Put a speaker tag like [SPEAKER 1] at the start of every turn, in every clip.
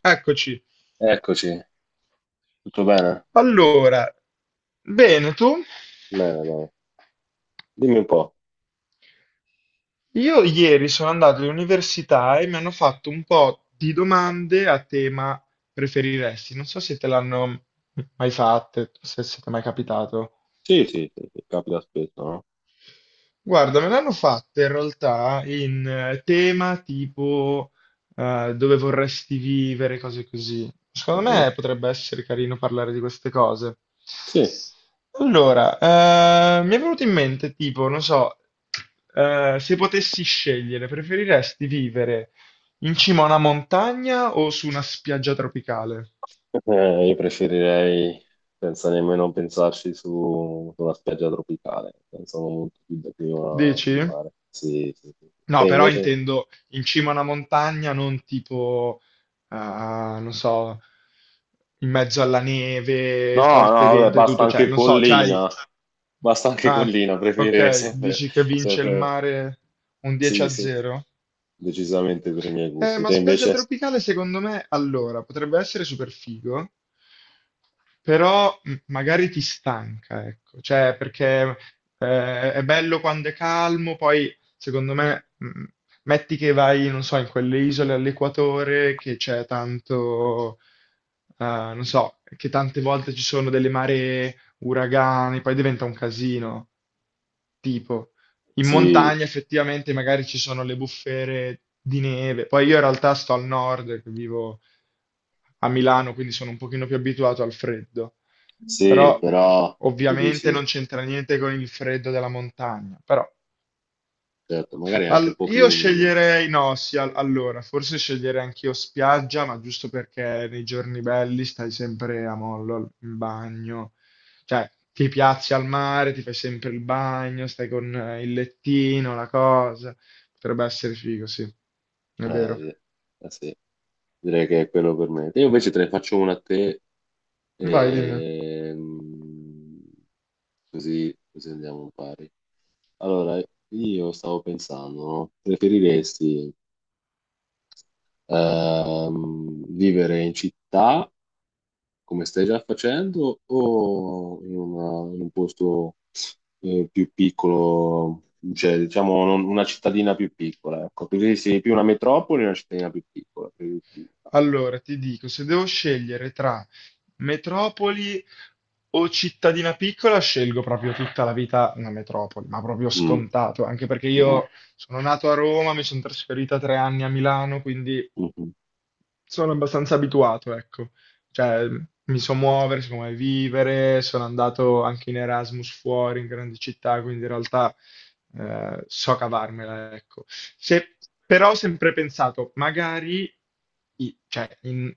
[SPEAKER 1] Eccoci.
[SPEAKER 2] Eccoci, tutto bene?
[SPEAKER 1] Allora, bene tu?
[SPEAKER 2] Bene, bene. Dimmi un po'.
[SPEAKER 1] Io ieri sono andato all'università e mi hanno fatto un po' di domande a tema preferiresti. Non so se te l'hanno mai fatte, se siete mai capitato.
[SPEAKER 2] Sì, sì, sì, sì, capita spesso, no?
[SPEAKER 1] Guarda, me l'hanno fatta in realtà in tema tipo dove vorresti vivere, cose così. Secondo
[SPEAKER 2] Mhm.
[SPEAKER 1] me potrebbe essere carino parlare di queste cose.
[SPEAKER 2] Sì.
[SPEAKER 1] Allora, mi è venuto in mente tipo, non so, se potessi scegliere, preferiresti vivere in cima a una montagna o su una spiaggia tropicale?
[SPEAKER 2] Io preferirei senza nemmeno pensarci su, su una spiaggia tropicale, pensavo molto più da prima di
[SPEAKER 1] Dici?
[SPEAKER 2] mare. Sì, sì, sì.
[SPEAKER 1] No,
[SPEAKER 2] Te
[SPEAKER 1] però
[SPEAKER 2] invece?
[SPEAKER 1] intendo in cima a una montagna, non tipo, non so, in mezzo alla neve,
[SPEAKER 2] No, no,
[SPEAKER 1] forte
[SPEAKER 2] vabbè,
[SPEAKER 1] vento e tutto, cioè, non so, c'hai...
[SPEAKER 2] basta anche
[SPEAKER 1] Ah,
[SPEAKER 2] collina, preferirei
[SPEAKER 1] ok,
[SPEAKER 2] sempre,
[SPEAKER 1] dici che vince il
[SPEAKER 2] sempre,
[SPEAKER 1] mare un 10
[SPEAKER 2] sì,
[SPEAKER 1] a
[SPEAKER 2] sì, sì,
[SPEAKER 1] 0?
[SPEAKER 2] decisamente per i miei gusti.
[SPEAKER 1] Ma
[SPEAKER 2] Te
[SPEAKER 1] spiaggia
[SPEAKER 2] invece?
[SPEAKER 1] tropicale secondo me, allora, potrebbe essere super figo, però magari ti stanca, ecco, cioè perché è bello quando è calmo, poi secondo me metti che vai, non so, in quelle isole all'equatore che c'è tanto, non so, che tante volte ci sono delle maree, uragani, poi diventa un casino, tipo. In
[SPEAKER 2] Sì,
[SPEAKER 1] montagna effettivamente magari ci sono le bufere di neve. Poi io in realtà sto al nord, che vivo a Milano, quindi sono un pochino più abituato al freddo. Però
[SPEAKER 2] sì, però, tu
[SPEAKER 1] ovviamente
[SPEAKER 2] dici...
[SPEAKER 1] non c'entra niente con il freddo della montagna. Però
[SPEAKER 2] certo, magari anche un po' più
[SPEAKER 1] Io
[SPEAKER 2] umido.
[SPEAKER 1] sceglierei, no, sì, allora, forse sceglierei anch'io spiaggia, ma giusto perché nei giorni belli stai sempre a mollo in bagno, cioè ti piazzi al mare, ti fai sempre il bagno, stai con il lettino, la cosa. Potrebbe essere figo, sì, è
[SPEAKER 2] Eh,
[SPEAKER 1] vero.
[SPEAKER 2] di- eh sì, direi che è quello per me. Io invece te ne faccio una a te,
[SPEAKER 1] Vai, dimmi.
[SPEAKER 2] ehm, così andiamo un pari. Allora, io stavo pensando, no? Preferiresti vivere in città come stai già facendo o in un posto più piccolo, cioè diciamo una cittadina più piccola, ecco, così sì, più una metropoli, una cittadina più piccola. Sì.
[SPEAKER 1] Allora, ti dico, se devo scegliere tra metropoli o cittadina piccola, scelgo proprio tutta la vita una metropoli, ma proprio
[SPEAKER 2] Mm,
[SPEAKER 1] scontato, anche perché
[SPEAKER 2] mhm,
[SPEAKER 1] io sono nato a Roma, mi sono trasferita 3 anni a Milano, quindi
[SPEAKER 2] mhm.
[SPEAKER 1] sono abbastanza abituato, ecco. Cioè, mi so muovere, so come vivere, sono andato anche in Erasmus fuori, in grandi città, quindi in realtà so cavarmela, ecco. Però ho sempre pensato, magari, cioè, in,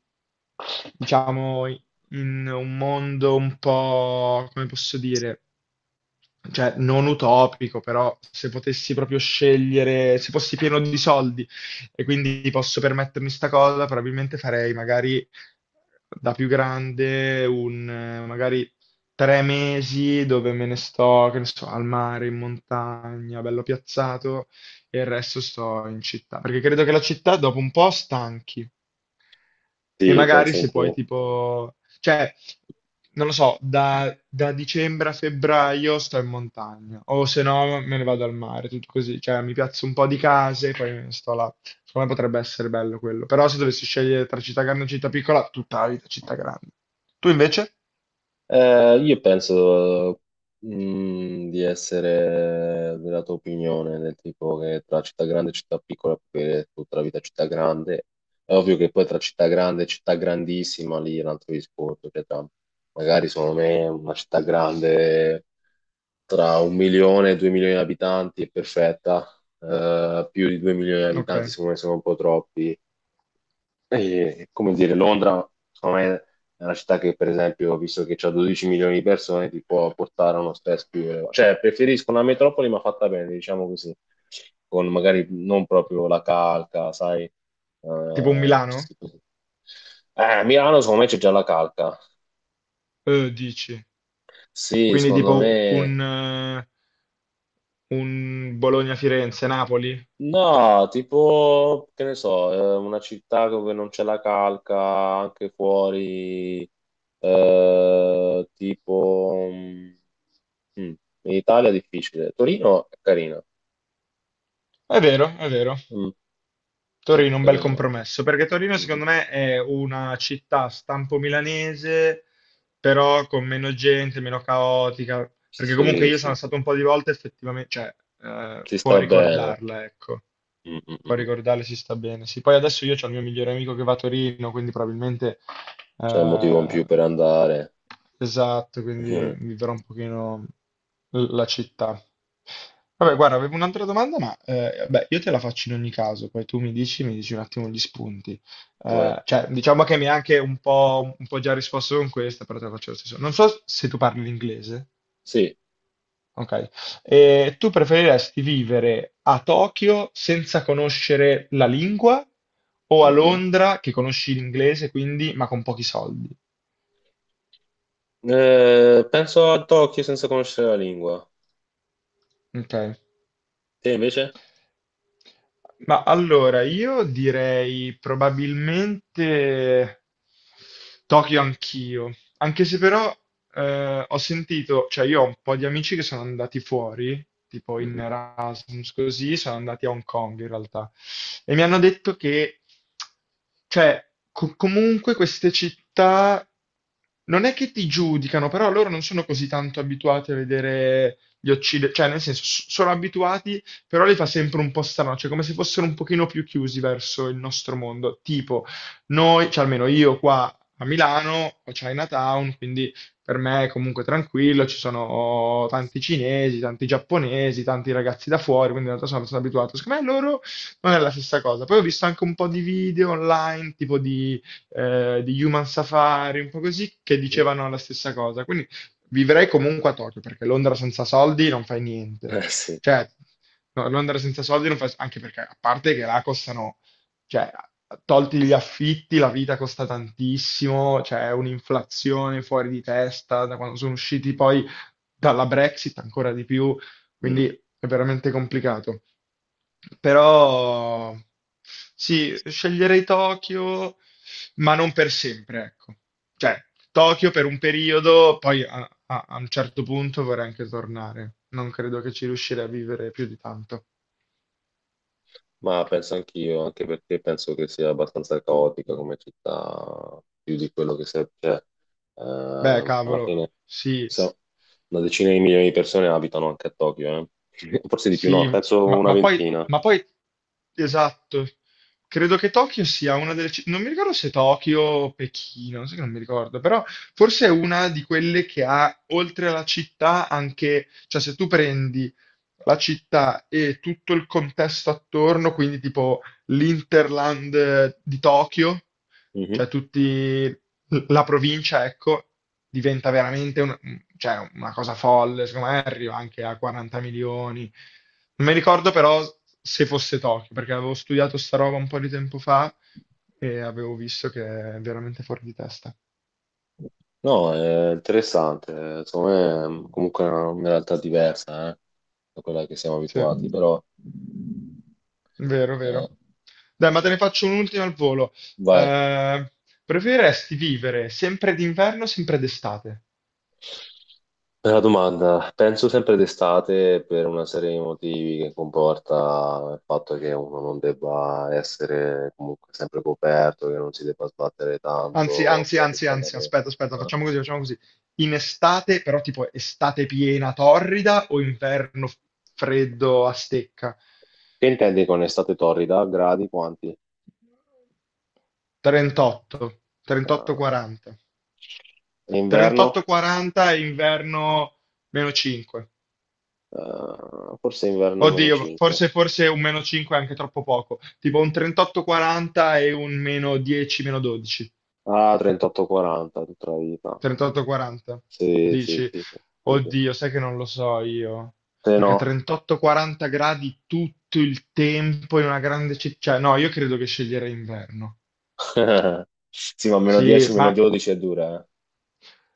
[SPEAKER 1] diciamo, in un mondo un po', come posso dire? Cioè non utopico, però se potessi proprio scegliere, se fossi pieno di soldi e quindi posso permettermi sta cosa, probabilmente farei magari da più grande un magari 3 mesi dove me ne sto, che ne so, al mare, in montagna, bello piazzato, e il resto sto in città, perché credo che la città dopo un po' stanchi. E
[SPEAKER 2] Sì,
[SPEAKER 1] magari
[SPEAKER 2] penso
[SPEAKER 1] se poi
[SPEAKER 2] anch'io.
[SPEAKER 1] tipo, cioè, non lo so, da dicembre a febbraio sto in montagna, o se no me ne vado al mare, tutto così, cioè mi piazzo un po' di case e poi me ne sto là. Secondo me potrebbe essere bello quello. Però se dovessi scegliere tra città grande e città piccola, tutta la vita città grande. Tu invece?
[SPEAKER 2] Io penso, di essere della tua opinione, del tipo che tra città grande e città piccola puoi vivere tutta la vita a città grande. È ovvio che poi tra città grande e città grandissima lì è un altro discorso, cioè magari secondo me una città grande tra 1 milione e 2 milioni di abitanti è perfetta, più di 2 milioni di
[SPEAKER 1] Ok,
[SPEAKER 2] abitanti secondo me sono un po' troppi. E, come dire, Londra, secondo me, è una città che, per esempio, visto che c'ha 12 milioni di persone, ti può portare uno stress più elevato. Cioè, preferisco una metropoli, ma fatta bene, diciamo così, con magari non proprio la calca, sai,
[SPEAKER 1] tipo un Milano?
[SPEAKER 2] questi tipi. A Milano, secondo me, c'è già la calca.
[SPEAKER 1] Dici.
[SPEAKER 2] Sì,
[SPEAKER 1] Quindi
[SPEAKER 2] secondo
[SPEAKER 1] tipo
[SPEAKER 2] me...
[SPEAKER 1] un Bologna-Firenze-Napoli?
[SPEAKER 2] No, tipo, che ne so, una città dove non c'è la calca, anche fuori, tipo. Mm, mm. In Italia è difficile. Torino è carina.
[SPEAKER 1] È vero, è vero.
[SPEAKER 2] Mm.
[SPEAKER 1] Torino, un bel
[SPEAKER 2] Torino.
[SPEAKER 1] compromesso, perché Torino
[SPEAKER 2] Mm.
[SPEAKER 1] secondo me è una città stampo milanese, però con meno gente, meno caotica, perché comunque
[SPEAKER 2] Sì,
[SPEAKER 1] io sono
[SPEAKER 2] sì, sì.
[SPEAKER 1] stato un po' di volte effettivamente, cioè,
[SPEAKER 2] Si
[SPEAKER 1] può
[SPEAKER 2] sta bene.
[SPEAKER 1] ricordarla, ecco.
[SPEAKER 2] Mm, mm,
[SPEAKER 1] Poi a
[SPEAKER 2] mm.
[SPEAKER 1] Rigordale si sta bene. Sì, poi adesso io ho il mio migliore amico che va a Torino, quindi probabilmente
[SPEAKER 2] C'è un motivo in più
[SPEAKER 1] eh,
[SPEAKER 2] per andare.
[SPEAKER 1] esatto, quindi
[SPEAKER 2] Mhm.
[SPEAKER 1] vivrò un pochino la città. Vabbè,
[SPEAKER 2] Sì.
[SPEAKER 1] guarda, avevo un'altra domanda, ma beh, io te la faccio in ogni caso, poi tu mi dici un attimo gli spunti.
[SPEAKER 2] Vai.
[SPEAKER 1] Cioè, diciamo che mi hai anche un po' già risposto con questa, però te la faccio lo stesso. Non so se tu parli l'inglese.
[SPEAKER 2] Sì.
[SPEAKER 1] Ok. E tu preferiresti vivere a Tokyo senza conoscere la lingua o a
[SPEAKER 2] Mhm.
[SPEAKER 1] Londra che conosci l'inglese, quindi, ma con pochi soldi?
[SPEAKER 2] Penso a Tokyo senza conoscere la lingua.
[SPEAKER 1] Ok.
[SPEAKER 2] Te invece?
[SPEAKER 1] Ma allora, io direi probabilmente Tokyo anch'io, anche se però ho sentito, cioè io ho un po' di amici che sono andati fuori, tipo in
[SPEAKER 2] Mhm.
[SPEAKER 1] Erasmus così, sono andati a Hong Kong in realtà, e mi hanno detto che, cioè, comunque queste città non è che ti giudicano, però loro non sono così tanto abituati a vedere gli occidentali, cioè nel senso sono abituati però li fa sempre un po' strano, cioè come se fossero un pochino più chiusi verso il nostro mondo. Tipo, noi, cioè almeno io qua a Milano ho Chinatown, quindi per me è comunque tranquillo, ci sono tanti cinesi, tanti giapponesi, tanti ragazzi da fuori, quindi in realtà sono abbastanza abituato. Secondo me loro non è la stessa cosa. Poi ho visto anche un po' di video online, tipo di Human Safari, un po' così, che
[SPEAKER 2] Mhm.
[SPEAKER 1] dicevano la stessa cosa. Quindi vivrei comunque a Tokyo, perché Londra senza soldi non fai niente.
[SPEAKER 2] Eh sì.
[SPEAKER 1] Cioè, no, non andare senza soldi non fa, anche perché a parte che là costano, cioè, tolti gli affitti, la vita costa tantissimo, c'è un'inflazione fuori di testa da quando sono usciti poi dalla Brexit ancora di più,
[SPEAKER 2] Mm.
[SPEAKER 1] quindi è veramente complicato. Però sì, sceglierei Tokyo, ma non per sempre, ecco. Cioè, Tokyo per un periodo, poi a a un certo punto vorrei anche tornare. Non credo che ci riuscirei a vivere più di tanto.
[SPEAKER 2] Ma penso anch'io, anche perché penso che sia abbastanza caotica come città, più di quello che serve. Cioè,
[SPEAKER 1] Beh,
[SPEAKER 2] alla
[SPEAKER 1] cavolo,
[SPEAKER 2] fine,
[SPEAKER 1] sì,
[SPEAKER 2] so- una decina di milioni di persone abitano anche a Tokyo, eh. Forse di più,
[SPEAKER 1] sì,
[SPEAKER 2] no, penso
[SPEAKER 1] ma,
[SPEAKER 2] una
[SPEAKER 1] ma poi,
[SPEAKER 2] ventina.
[SPEAKER 1] ma poi, esatto, credo che Tokyo sia una delle, non mi ricordo se Tokyo o Pechino, sai che non mi ricordo, però forse è una di quelle che ha, oltre alla città, anche, cioè se tu prendi la città e tutto il contesto attorno, quindi tipo l'Interland di Tokyo,
[SPEAKER 2] Mhm.
[SPEAKER 1] cioè tutti. La provincia, ecco, diventa veramente un- cioè, una cosa folle, secondo me arriva anche a 40 milioni. Non mi ricordo però se fosse Tokyo, perché avevo studiato sta roba un po' di tempo fa e avevo visto che è veramente fuori di testa.
[SPEAKER 2] No, è interessante, secondo me è comunque una realtà diversa, da quella che siamo
[SPEAKER 1] Sì,
[SPEAKER 2] abituati, però
[SPEAKER 1] vero,
[SPEAKER 2] eh,
[SPEAKER 1] vero. Dai, ma te ne faccio un'ultima al volo.
[SPEAKER 2] vai.
[SPEAKER 1] Eh, preferiresti vivere sempre d'inverno o sempre d'estate?
[SPEAKER 2] Bella domanda. Penso sempre d'estate per una serie di motivi che comporta il fatto che uno non debba essere comunque sempre coperto, che non si debba sbattere
[SPEAKER 1] Anzi,
[SPEAKER 2] tanto
[SPEAKER 1] anzi,
[SPEAKER 2] per il
[SPEAKER 1] anzi, anzi,
[SPEAKER 2] riscaldamento.
[SPEAKER 1] aspetta, aspetta,
[SPEAKER 2] Eh.
[SPEAKER 1] facciamo così, facciamo così. In estate, però tipo estate piena, torrida o inverno freddo a stecca?
[SPEAKER 2] Che intendi con estate torrida? Gradi quanti?
[SPEAKER 1] 38,
[SPEAKER 2] Ah,
[SPEAKER 1] 38-40.
[SPEAKER 2] inverno?
[SPEAKER 1] 38-40 e inverno meno 5.
[SPEAKER 2] Ah, forse inverno meno
[SPEAKER 1] Oddio,
[SPEAKER 2] 5.
[SPEAKER 1] forse, forse un meno 5 è anche troppo poco. Tipo un 38-40 e un meno 10, meno 12.
[SPEAKER 2] Ah, 38-40 tutta la vita.
[SPEAKER 1] 38-40.
[SPEAKER 2] Sì, sì,
[SPEAKER 1] Dici,
[SPEAKER 2] sì, sì, sì. Sì.
[SPEAKER 1] oddio, sai che non lo so io.
[SPEAKER 2] Se
[SPEAKER 1] Perché
[SPEAKER 2] no,
[SPEAKER 1] 38-40 gradi tutto il tempo in una grande città. Cioè, no, io credo che sceglierei inverno.
[SPEAKER 2] sì, ma meno
[SPEAKER 1] Sì,
[SPEAKER 2] 10, meno
[SPEAKER 1] ma
[SPEAKER 2] 12 è dura, eh.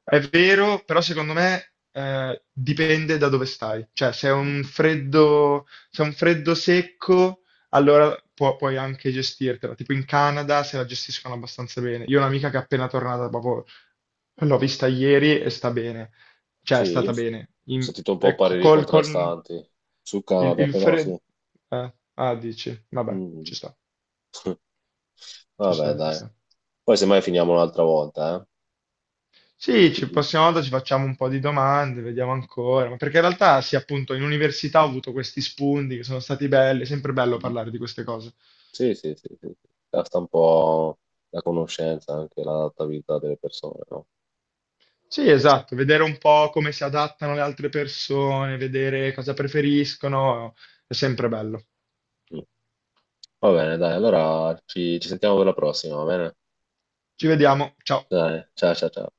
[SPEAKER 1] è vero, però secondo me dipende da dove stai. Cioè, se è
[SPEAKER 2] Mm.
[SPEAKER 1] un freddo, se è un freddo secco, allora puoi anche gestirtela. Tipo in Canada se la gestiscono abbastanza bene. Io ho un'amica che è appena tornata, proprio l'ho vista ieri e sta bene. Cioè,
[SPEAKER 2] Sì,
[SPEAKER 1] è
[SPEAKER 2] io ho
[SPEAKER 1] stata bene.
[SPEAKER 2] sentito un po'
[SPEAKER 1] È
[SPEAKER 2] pareri contrastanti sul Canada,
[SPEAKER 1] il
[SPEAKER 2] però
[SPEAKER 1] freddo...
[SPEAKER 2] sì.
[SPEAKER 1] Ah, dici, vabbè,
[SPEAKER 2] Mm.
[SPEAKER 1] ci sta, ci
[SPEAKER 2] Vabbè,
[SPEAKER 1] sta, ci
[SPEAKER 2] dai.
[SPEAKER 1] sta.
[SPEAKER 2] Poi semmai finiamo un'altra volta, eh.
[SPEAKER 1] Sì, ci
[SPEAKER 2] Sì.
[SPEAKER 1] prossima volta ci facciamo un po' di domande, vediamo ancora, ma perché in realtà sì, appunto, in università ho avuto questi spunti che sono stati belli, è sempre bello
[SPEAKER 2] Mhm.
[SPEAKER 1] parlare di queste cose.
[SPEAKER 2] Sì, sì, sì, sì. Sì. Basta un po' la conoscenza, anche l'adattabilità delle persone, no?
[SPEAKER 1] Sì, esatto, vedere un po' come si adattano le altre persone, vedere cosa preferiscono, è sempre bello.
[SPEAKER 2] Mm. Va bene, dai, allora ci sentiamo per la prossima, va bene?
[SPEAKER 1] Ci vediamo, ciao.
[SPEAKER 2] Dai, ciao, ciao, ciao.